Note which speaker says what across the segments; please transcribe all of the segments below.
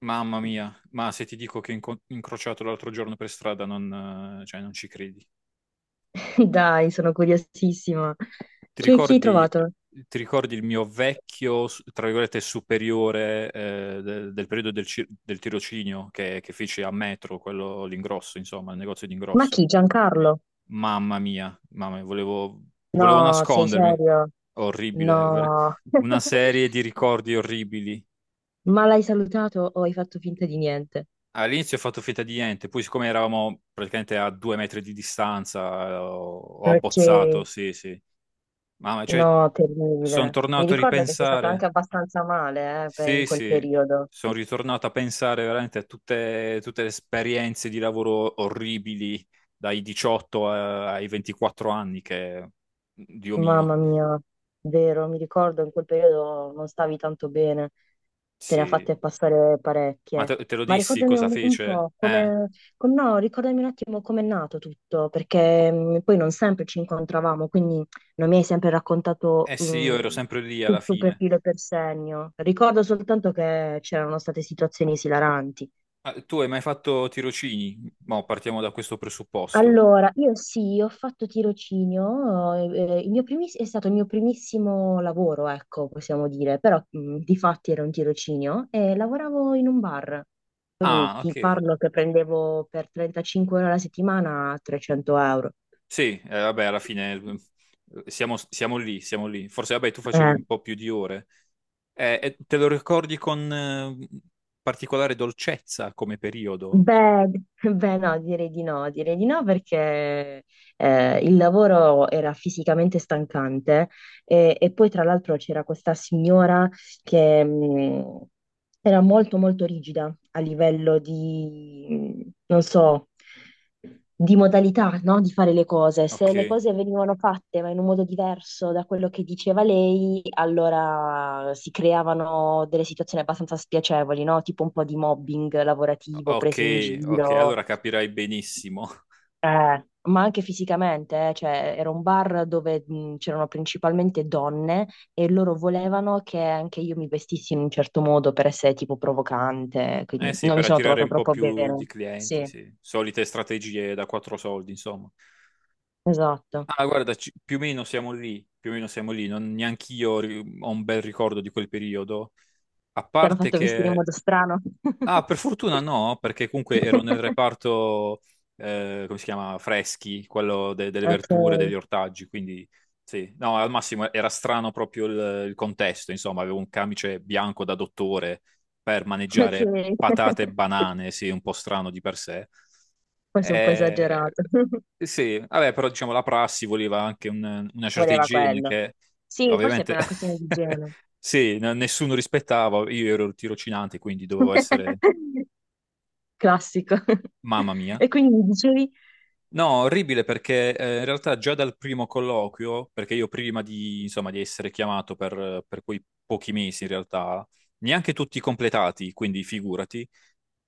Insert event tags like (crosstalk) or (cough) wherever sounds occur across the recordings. Speaker 1: Mamma mia, ma se ti dico che ho incrociato l'altro giorno per strada, non ci credi.
Speaker 2: (laughs) Dai, sono curiosissima.
Speaker 1: Ti
Speaker 2: Chi hai
Speaker 1: ricordi,
Speaker 2: trovato?
Speaker 1: ti ricordi il mio vecchio, tra virgolette, superiore del periodo del, del tirocinio che feci a Metro, quello l'ingrosso, insomma, il negozio di
Speaker 2: Ma chi?
Speaker 1: ingrosso?
Speaker 2: Giancarlo?
Speaker 1: Mamma mia, volevo
Speaker 2: No, sei
Speaker 1: nascondermi.
Speaker 2: serio?
Speaker 1: Orribile,
Speaker 2: No.
Speaker 1: una serie
Speaker 2: (laughs)
Speaker 1: di ricordi orribili.
Speaker 2: Ma l'hai salutato o hai fatto finta di niente?
Speaker 1: All'inizio ho fatto finta di niente, poi siccome eravamo praticamente a due metri di distanza, ho
Speaker 2: Ok,
Speaker 1: abbozzato, sì, sì. Ma cioè,
Speaker 2: no,
Speaker 1: sono
Speaker 2: terribile. Mi
Speaker 1: tornato a
Speaker 2: ricordo che sei stato anche
Speaker 1: ripensare,
Speaker 2: abbastanza male, in
Speaker 1: sì,
Speaker 2: quel
Speaker 1: sì,
Speaker 2: periodo.
Speaker 1: sono ritornato a pensare veramente a tutte le esperienze di lavoro orribili dai 18 ai 24 anni che Dio
Speaker 2: Mamma
Speaker 1: mio,
Speaker 2: mia, vero, mi ricordo in quel periodo non stavi tanto bene, te ne ha
Speaker 1: sì.
Speaker 2: fatte passare
Speaker 1: Ma
Speaker 2: parecchie.
Speaker 1: te lo
Speaker 2: Ma
Speaker 1: dissi
Speaker 2: ricordami
Speaker 1: cosa
Speaker 2: un
Speaker 1: fece?
Speaker 2: po'
Speaker 1: Eh,
Speaker 2: come, com- no, Ricordami un attimo com'è nato tutto, perché poi non sempre ci incontravamo, quindi non mi hai sempre raccontato
Speaker 1: eh sì, io ero sempre lì alla
Speaker 2: tutto per
Speaker 1: fine.
Speaker 2: filo e per segno. Ricordo soltanto che c'erano state situazioni esilaranti.
Speaker 1: Ah, tu hai mai fatto tirocini? Mo, partiamo da questo presupposto.
Speaker 2: Allora, io sì, ho fatto tirocinio, è stato il mio primissimo lavoro, ecco, possiamo dire, però di fatti era un tirocinio e lavoravo in un bar, quindi
Speaker 1: Ah,
Speaker 2: ti
Speaker 1: ok.
Speaker 2: parlo che prendevo per 35 ore alla settimana 300 euro.
Speaker 1: Sì, vabbè, alla fine siamo lì, siamo lì. Forse, vabbè, tu facevi
Speaker 2: Eh,
Speaker 1: un po' più di ore. E te lo ricordi con particolare dolcezza come periodo?
Speaker 2: Beh, (laughs) beh, no, direi di no, direi di no perché il lavoro era fisicamente stancante e poi tra l'altro c'era questa signora che era molto molto rigida a livello di, non so, di modalità, no? Di fare le cose. Se le
Speaker 1: Ok,
Speaker 2: cose venivano fatte ma in un modo diverso da quello che diceva lei, allora si creavano delle situazioni abbastanza spiacevoli, no? Tipo un po' di mobbing lavorativo,
Speaker 1: ok,
Speaker 2: prese in
Speaker 1: ok,
Speaker 2: giro,
Speaker 1: allora capirai benissimo.
Speaker 2: ma anche fisicamente, eh. Cioè, era un bar dove c'erano principalmente donne e loro volevano che anche io mi vestissi in un certo modo per essere tipo provocante,
Speaker 1: Eh
Speaker 2: quindi
Speaker 1: sì,
Speaker 2: non mi
Speaker 1: per
Speaker 2: sono
Speaker 1: attirare
Speaker 2: trovata
Speaker 1: un po'
Speaker 2: troppo
Speaker 1: più
Speaker 2: bene.
Speaker 1: di clienti,
Speaker 2: Sì,
Speaker 1: sì. Solite strategie da quattro soldi, insomma.
Speaker 2: esatto.
Speaker 1: Ah, guarda, più o meno siamo lì, più o meno siamo lì, non neanch'io ho un bel ricordo di quel periodo, a
Speaker 2: Ti hanno
Speaker 1: parte
Speaker 2: fatto vestire in
Speaker 1: che.
Speaker 2: modo strano?
Speaker 1: Ah, per fortuna no, perché comunque ero nel
Speaker 2: (laughs)
Speaker 1: reparto, come si chiama, freschi, quello delle
Speaker 2: Ok,
Speaker 1: verdure, degli ortaggi, quindi sì, no, al massimo era strano proprio il contesto, insomma, avevo un camice bianco da dottore per
Speaker 2: ok.
Speaker 1: maneggiare patate e
Speaker 2: (laughs)
Speaker 1: banane, sì, un po' strano di per sé.
Speaker 2: Forse un po'
Speaker 1: Eh,
Speaker 2: esagerato. (laughs)
Speaker 1: sì, vabbè, però diciamo la prassi voleva anche una certa
Speaker 2: Voleva
Speaker 1: igiene
Speaker 2: quello.
Speaker 1: che
Speaker 2: Sì, forse è
Speaker 1: ovviamente
Speaker 2: per una questione di
Speaker 1: (laughs)
Speaker 2: igiene.
Speaker 1: sì, nessuno rispettava, io ero il tirocinante, quindi dovevo essere.
Speaker 2: (laughs) Classico. (laughs)
Speaker 1: Mamma mia.
Speaker 2: E quindi mi dicevi?
Speaker 1: No, orribile perché in realtà già dal primo colloquio, perché io prima di, insomma, di essere chiamato per quei pochi mesi in realtà, neanche tutti completati, quindi figurati,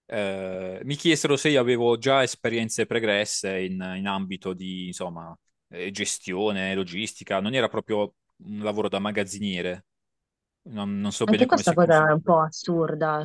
Speaker 1: mi chiesero se io avevo già esperienze pregresse in ambito di, insomma, gestione, logistica, non era proprio un lavoro da magazziniere, non so bene
Speaker 2: Anche
Speaker 1: come
Speaker 2: questa
Speaker 1: si
Speaker 2: cosa è un
Speaker 1: configura.
Speaker 2: po' assurda,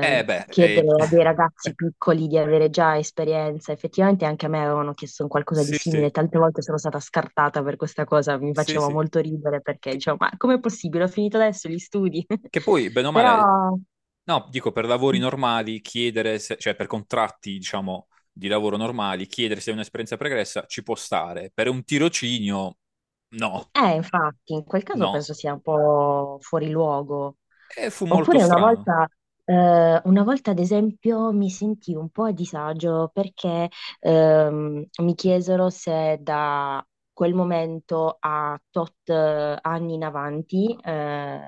Speaker 1: Eh beh,
Speaker 2: chiedere
Speaker 1: (laughs)
Speaker 2: a dei ragazzi piccoli di avere già esperienza. Effettivamente anche a me avevano chiesto un qualcosa di
Speaker 1: Sì,
Speaker 2: simile,
Speaker 1: sì,
Speaker 2: tante volte sono stata scartata per questa cosa, mi
Speaker 1: sì,
Speaker 2: faceva
Speaker 1: sì.
Speaker 2: molto ridere perché
Speaker 1: Che,
Speaker 2: dicevo, ma com'è possibile? Ho finito adesso gli studi. (laughs)
Speaker 1: che poi, bene o male,
Speaker 2: Però
Speaker 1: no, dico per lavori normali, chiedere, cioè per contratti, diciamo, di lavoro normali, chiedere se è un'esperienza pregressa ci può stare. Per un tirocinio, no,
Speaker 2: eh, infatti, in quel caso
Speaker 1: no.
Speaker 2: penso sia un po' fuori luogo.
Speaker 1: E fu molto
Speaker 2: Oppure una
Speaker 1: strano.
Speaker 2: volta, una volta, ad esempio, mi sentii un po' a disagio perché mi chiesero se da quel momento a tot anni in avanti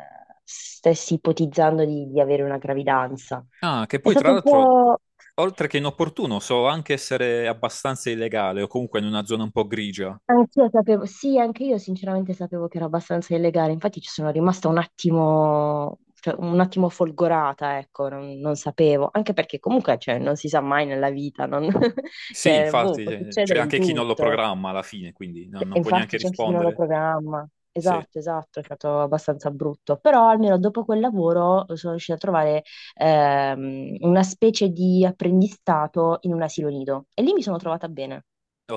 Speaker 2: stessi ipotizzando di avere una gravidanza.
Speaker 1: Ah, che
Speaker 2: È
Speaker 1: poi, tra
Speaker 2: stato un
Speaker 1: l'altro,
Speaker 2: po'...
Speaker 1: oltre che inopportuno, so anche essere abbastanza illegale o comunque in una zona un po' grigia.
Speaker 2: Anch'io sapevo, sì, anche io sinceramente sapevo che era abbastanza illegale, infatti ci sono rimasta un attimo, cioè, un attimo folgorata, ecco, non sapevo, anche perché comunque cioè, non si sa mai nella vita, non- (laughs)
Speaker 1: Sì,
Speaker 2: cioè, boh,
Speaker 1: infatti,
Speaker 2: può
Speaker 1: c'è
Speaker 2: succedere di
Speaker 1: anche chi non lo
Speaker 2: tutto.
Speaker 1: programma alla fine, quindi
Speaker 2: Cioè, e
Speaker 1: non può
Speaker 2: infatti
Speaker 1: neanche
Speaker 2: c'è anche chi non lo
Speaker 1: rispondere.
Speaker 2: programma,
Speaker 1: Sì,
Speaker 2: esatto, esatto, è stato abbastanza brutto, però almeno dopo quel lavoro sono riuscita a trovare una specie di apprendistato in un asilo nido e lì mi sono trovata bene.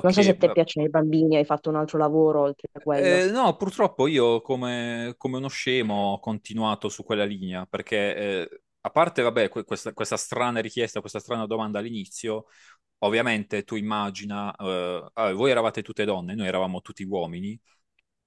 Speaker 2: Non so se a te piacciono i bambini, hai fatto un altro lavoro oltre a quello.
Speaker 1: No, purtroppo io come uno scemo ho continuato su quella linea perché, a parte, vabbè, questa strana richiesta, questa strana domanda all'inizio, ovviamente tu immagina, ah, voi eravate tutte donne, noi eravamo tutti uomini,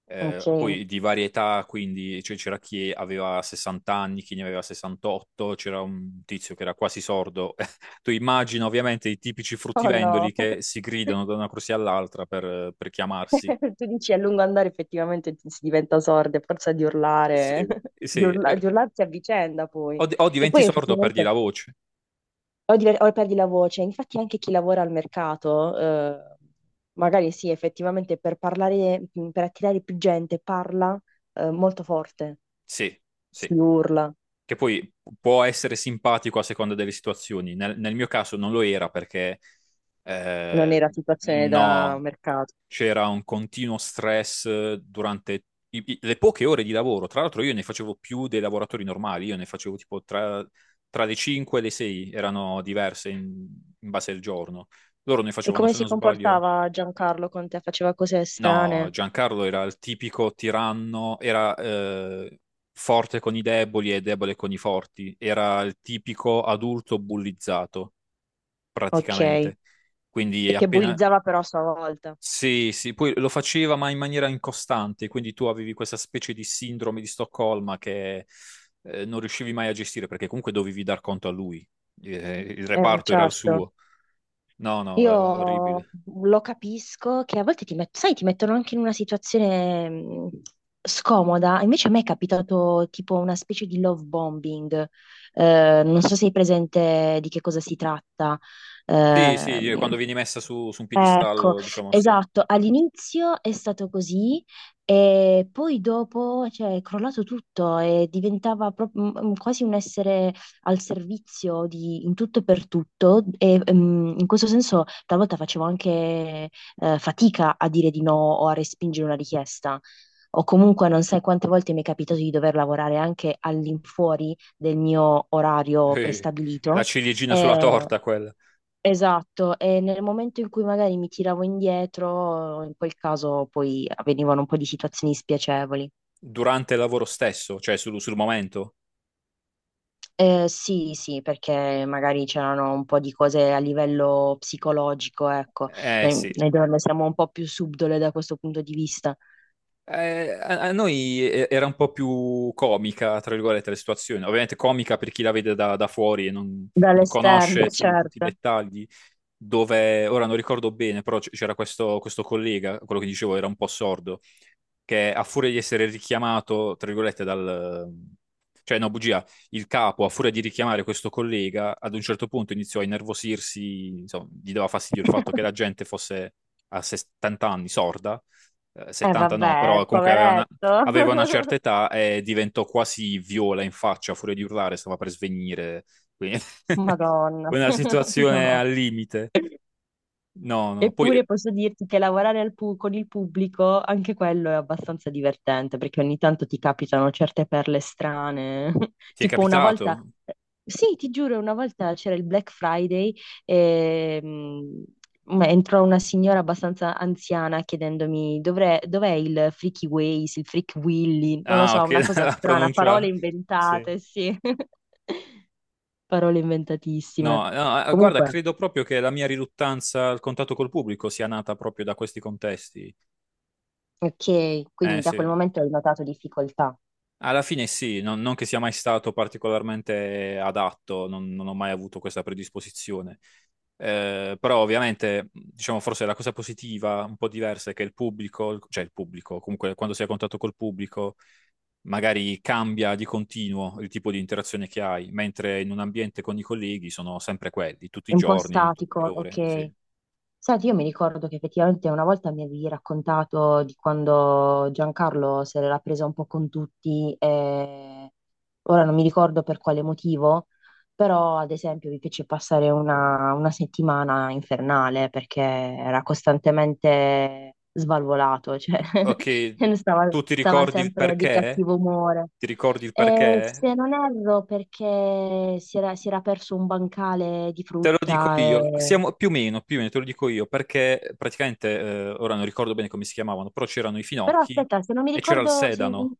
Speaker 2: Ok.
Speaker 1: poi di varietà, quindi cioè, c'era chi aveva 60 anni, chi ne aveva 68, c'era un tizio che era quasi sordo. (laughs) Tu immagina ovviamente i tipici
Speaker 2: Oh no,
Speaker 1: fruttivendoli
Speaker 2: (laughs)
Speaker 1: che si gridano da una corsia all'altra per chiamarsi.
Speaker 2: tu dici a lungo andare effettivamente si diventa sorda, a forza di urlare,
Speaker 1: Sì.
Speaker 2: (laughs)
Speaker 1: Sì,
Speaker 2: di urlarsi a vicenda poi,
Speaker 1: o, o
Speaker 2: che
Speaker 1: diventi
Speaker 2: poi
Speaker 1: sordo o perdi
Speaker 2: effettivamente
Speaker 1: la voce.
Speaker 2: o perdi la voce, infatti anche chi lavora al mercato, magari sì, effettivamente per parlare, per attirare più gente parla, molto forte,
Speaker 1: Sì,
Speaker 2: si
Speaker 1: sì.
Speaker 2: urla,
Speaker 1: Che poi può essere simpatico a seconda delle situazioni. Nel mio caso non lo era perché
Speaker 2: non è
Speaker 1: eh,
Speaker 2: la situazione da
Speaker 1: no,
Speaker 2: mercato.
Speaker 1: c'era un continuo stress durante le poche ore di lavoro. Tra l'altro io ne facevo più dei lavoratori normali, io ne facevo tipo tra le 5 e le 6, erano diverse in base al giorno. Loro ne
Speaker 2: E
Speaker 1: facevano,
Speaker 2: come
Speaker 1: se
Speaker 2: si
Speaker 1: non sbaglio.
Speaker 2: comportava Giancarlo con te? Faceva cose
Speaker 1: No,
Speaker 2: strane?
Speaker 1: Giancarlo era il tipico tiranno, era forte con i deboli e debole con i forti, era il tipico adulto bullizzato,
Speaker 2: Ok. E
Speaker 1: praticamente. Quindi
Speaker 2: che
Speaker 1: appena...
Speaker 2: bullizzava però a sua volta.
Speaker 1: Sì, sì, poi lo faceva ma in maniera incostante, quindi tu avevi questa specie di sindrome di Stoccolma che non riuscivi mai a gestire perché comunque dovevi dar conto a lui. Il reparto era il
Speaker 2: Certo.
Speaker 1: suo. No, no, è
Speaker 2: Io
Speaker 1: orribile.
Speaker 2: lo capisco che a volte sai, ti mettono anche in una situazione scomoda. Invece a me è capitato tipo una specie di love bombing. Non so se hai presente di che cosa si tratta.
Speaker 1: Sì,
Speaker 2: Eh,
Speaker 1: sì, quando vieni messa su un
Speaker 2: Ecco,
Speaker 1: piedistallo, diciamo sì.
Speaker 2: esatto, all'inizio è stato così e poi dopo, cioè, è crollato tutto e diventava proprio quasi un essere al servizio di in tutto e per tutto e in questo senso talvolta facevo anche fatica a dire di no o a respingere una richiesta. O comunque non sai quante volte mi è capitato di dover lavorare anche all'infuori del mio orario
Speaker 1: Eh, la
Speaker 2: prestabilito.
Speaker 1: ciliegina sulla
Speaker 2: Eh,
Speaker 1: torta quella,
Speaker 2: esatto, e nel momento in cui magari mi tiravo indietro, in quel caso poi avvenivano un po' di situazioni spiacevoli.
Speaker 1: durante il lavoro stesso, cioè sul momento.
Speaker 2: Sì, sì, perché magari c'erano un po' di cose a livello psicologico, ecco,
Speaker 1: Eh
Speaker 2: eh,
Speaker 1: sì,
Speaker 2: noi donne siamo un po' più subdole da questo punto di vista,
Speaker 1: eh, a noi era un po' più comica, tra virgolette, la situazione. Ovviamente comica per chi la vede da fuori e non
Speaker 2: dall'esterno,
Speaker 1: conosce sì, tutti i
Speaker 2: certo.
Speaker 1: dettagli, dove, ora non ricordo bene, però questo collega, quello che dicevo era un po' sordo, che a furia di essere richiamato, tra virgolette, dal... Cioè, no, bugia, il capo, a furia di richiamare questo collega, ad un certo punto iniziò a innervosirsi, insomma, gli dava fastidio il fatto che la
Speaker 2: (laughs)
Speaker 1: gente fosse a 70 anni sorda,
Speaker 2: Eh
Speaker 1: 70 no,
Speaker 2: vabbè,
Speaker 1: però comunque
Speaker 2: poveretto.
Speaker 1: aveva una
Speaker 2: (laughs)
Speaker 1: certa età e diventò quasi viola in faccia, a furia di urlare, stava per svenire, quindi (laughs)
Speaker 2: Madonna,
Speaker 1: una
Speaker 2: (laughs)
Speaker 1: situazione
Speaker 2: no.
Speaker 1: al limite. No, no, poi
Speaker 2: Eppure posso dirti che lavorare con il pubblico, anche quello è abbastanza divertente, perché ogni tanto ti capitano certe perle strane. (laughs)
Speaker 1: ti è
Speaker 2: Tipo una volta,
Speaker 1: capitato?
Speaker 2: sì, ti giuro, una volta c'era il Black Friday e entrò una signora abbastanza anziana chiedendomi "Dov'è il Freaky Ways, il Freak Willy?" Non lo
Speaker 1: Ah,
Speaker 2: so,
Speaker 1: ok,
Speaker 2: una
Speaker 1: (laughs)
Speaker 2: cosa
Speaker 1: la
Speaker 2: strana, parole
Speaker 1: pronuncia... Sì.
Speaker 2: inventate, sì, (laughs) parole inventatissime.
Speaker 1: No, no, guarda,
Speaker 2: Comunque,
Speaker 1: credo proprio che la mia riluttanza al contatto col pubblico sia nata proprio da questi contesti.
Speaker 2: ok, quindi
Speaker 1: Eh
Speaker 2: da
Speaker 1: sì,
Speaker 2: quel momento hai notato difficoltà.
Speaker 1: alla fine sì, non che sia mai stato particolarmente adatto, non ho mai avuto questa predisposizione. Però ovviamente, diciamo, forse la cosa positiva, un po' diversa, è che il pubblico, cioè il pubblico, comunque quando sei a contatto col pubblico, magari cambia di continuo il tipo di interazione che hai, mentre in un ambiente con i colleghi sono sempre quelli, tutti
Speaker 2: È
Speaker 1: i
Speaker 2: un po'
Speaker 1: giorni, tutte
Speaker 2: statico,
Speaker 1: le ore, sì.
Speaker 2: okay. Senti, io mi ricordo che effettivamente una volta mi avevi raccontato di quando Giancarlo se l'era presa un po' con tutti, e ora non mi ricordo per quale motivo, però ad esempio vi fece passare una settimana infernale perché era costantemente svalvolato, cioè
Speaker 1: Ok,
Speaker 2: (laughs) stava,
Speaker 1: tu ti
Speaker 2: stava
Speaker 1: ricordi il
Speaker 2: sempre di
Speaker 1: perché?
Speaker 2: cattivo umore.
Speaker 1: Ti ricordi il perché?
Speaker 2: Se non erro, perché si era perso un bancale di
Speaker 1: Te lo dico
Speaker 2: frutta
Speaker 1: io,
Speaker 2: e
Speaker 1: siamo più o meno te lo dico io, perché praticamente, ora non ricordo bene come si chiamavano, però c'erano i
Speaker 2: però
Speaker 1: finocchi
Speaker 2: aspetta, se non mi
Speaker 1: e c'era il
Speaker 2: ricordo, se-
Speaker 1: sedano.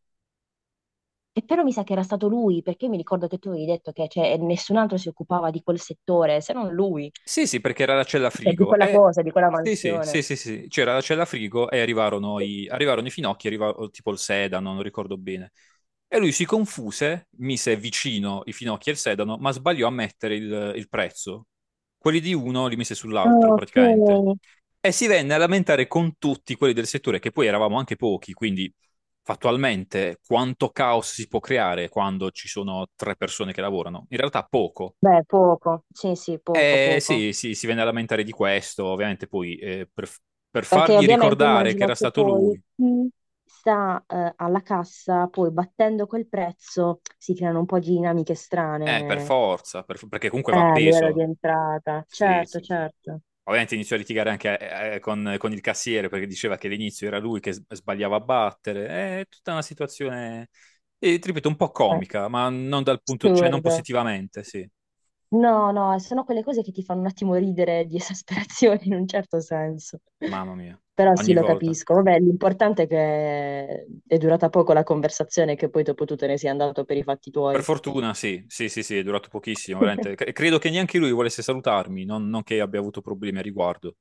Speaker 2: e però mi sa che era stato lui, perché mi ricordo che tu avevi detto che cioè, nessun altro si occupava di quel settore, se non lui,
Speaker 1: Sì, sì, perché era la cella
Speaker 2: cioè, di
Speaker 1: frigo.
Speaker 2: quella
Speaker 1: E...
Speaker 2: cosa, di quella
Speaker 1: Sì, sì,
Speaker 2: mansione.
Speaker 1: sì, sì, sì, c'era la cella frigo e arrivarono i finocchi, arrivò tipo il sedano, non ricordo bene. E lui si confuse, mise vicino i finocchi e il sedano, ma sbagliò a mettere il prezzo. Quelli di uno li mise
Speaker 2: Ah,
Speaker 1: sull'altro, praticamente.
Speaker 2: ok.
Speaker 1: E si venne a lamentare con tutti quelli del settore, che poi eravamo anche pochi, quindi fattualmente quanto caos si può creare quando ci sono tre persone che lavorano? In realtà poco.
Speaker 2: Beh, poco, sì, sì, poco, poco.
Speaker 1: Sì, sì, si venne a lamentare di questo, ovviamente poi per
Speaker 2: Perché
Speaker 1: fargli
Speaker 2: ovviamente
Speaker 1: ricordare che
Speaker 2: immagino
Speaker 1: era
Speaker 2: che
Speaker 1: stato
Speaker 2: poi
Speaker 1: lui,
Speaker 2: chi sta alla cassa, poi battendo quel prezzo, si creano un po' di dinamiche
Speaker 1: per
Speaker 2: strane
Speaker 1: forza, perché comunque va
Speaker 2: a livello di
Speaker 1: appeso.
Speaker 2: entrata.
Speaker 1: Sì,
Speaker 2: Certo,
Speaker 1: sì, sì.
Speaker 2: certo.
Speaker 1: Ovviamente iniziò a litigare anche con il cassiere perché diceva che all'inizio era lui che sbagliava a battere. È tutta una situazione, ti ripeto, un po'
Speaker 2: Eh,
Speaker 1: comica, ma non dal punto, cioè non
Speaker 2: assurdo.
Speaker 1: positivamente, sì.
Speaker 2: No, no, sono quelle cose che ti fanno un attimo ridere di esasperazione in un certo senso.
Speaker 1: Mamma mia,
Speaker 2: Però sì,
Speaker 1: ogni
Speaker 2: lo
Speaker 1: volta.
Speaker 2: capisco. Vabbè, l'importante è che è durata poco la conversazione e che poi dopo tu te ne sei andato per i fatti
Speaker 1: Per
Speaker 2: tuoi.
Speaker 1: fortuna, sì, sì, sì, sì, è durato pochissimo, veramente.
Speaker 2: (laughs)
Speaker 1: Credo che neanche lui volesse salutarmi, non che abbia avuto problemi a riguardo.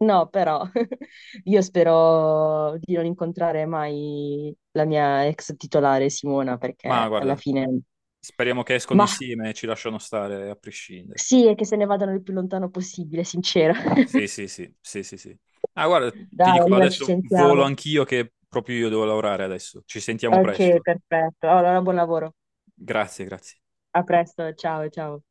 Speaker 2: No, però (laughs) io spero di non incontrare mai la mia ex titolare Simona
Speaker 1: Ma
Speaker 2: perché alla
Speaker 1: guarda,
Speaker 2: fine...
Speaker 1: speriamo che escono
Speaker 2: Ma
Speaker 1: insieme e ci lasciano stare a prescindere.
Speaker 2: sì, è che se ne vadano il più lontano possibile, sincero.
Speaker 1: Sì,
Speaker 2: (laughs)
Speaker 1: sì, sì, sì, sì, sì. Ah, guarda, ti
Speaker 2: Dai,
Speaker 1: dico,
Speaker 2: allora ci
Speaker 1: adesso volo
Speaker 2: sentiamo.
Speaker 1: anch'io che proprio io devo lavorare adesso. Ci sentiamo
Speaker 2: Ok,
Speaker 1: presto.
Speaker 2: perfetto. Allora, buon lavoro.
Speaker 1: Grazie, grazie.
Speaker 2: A presto, ciao ciao.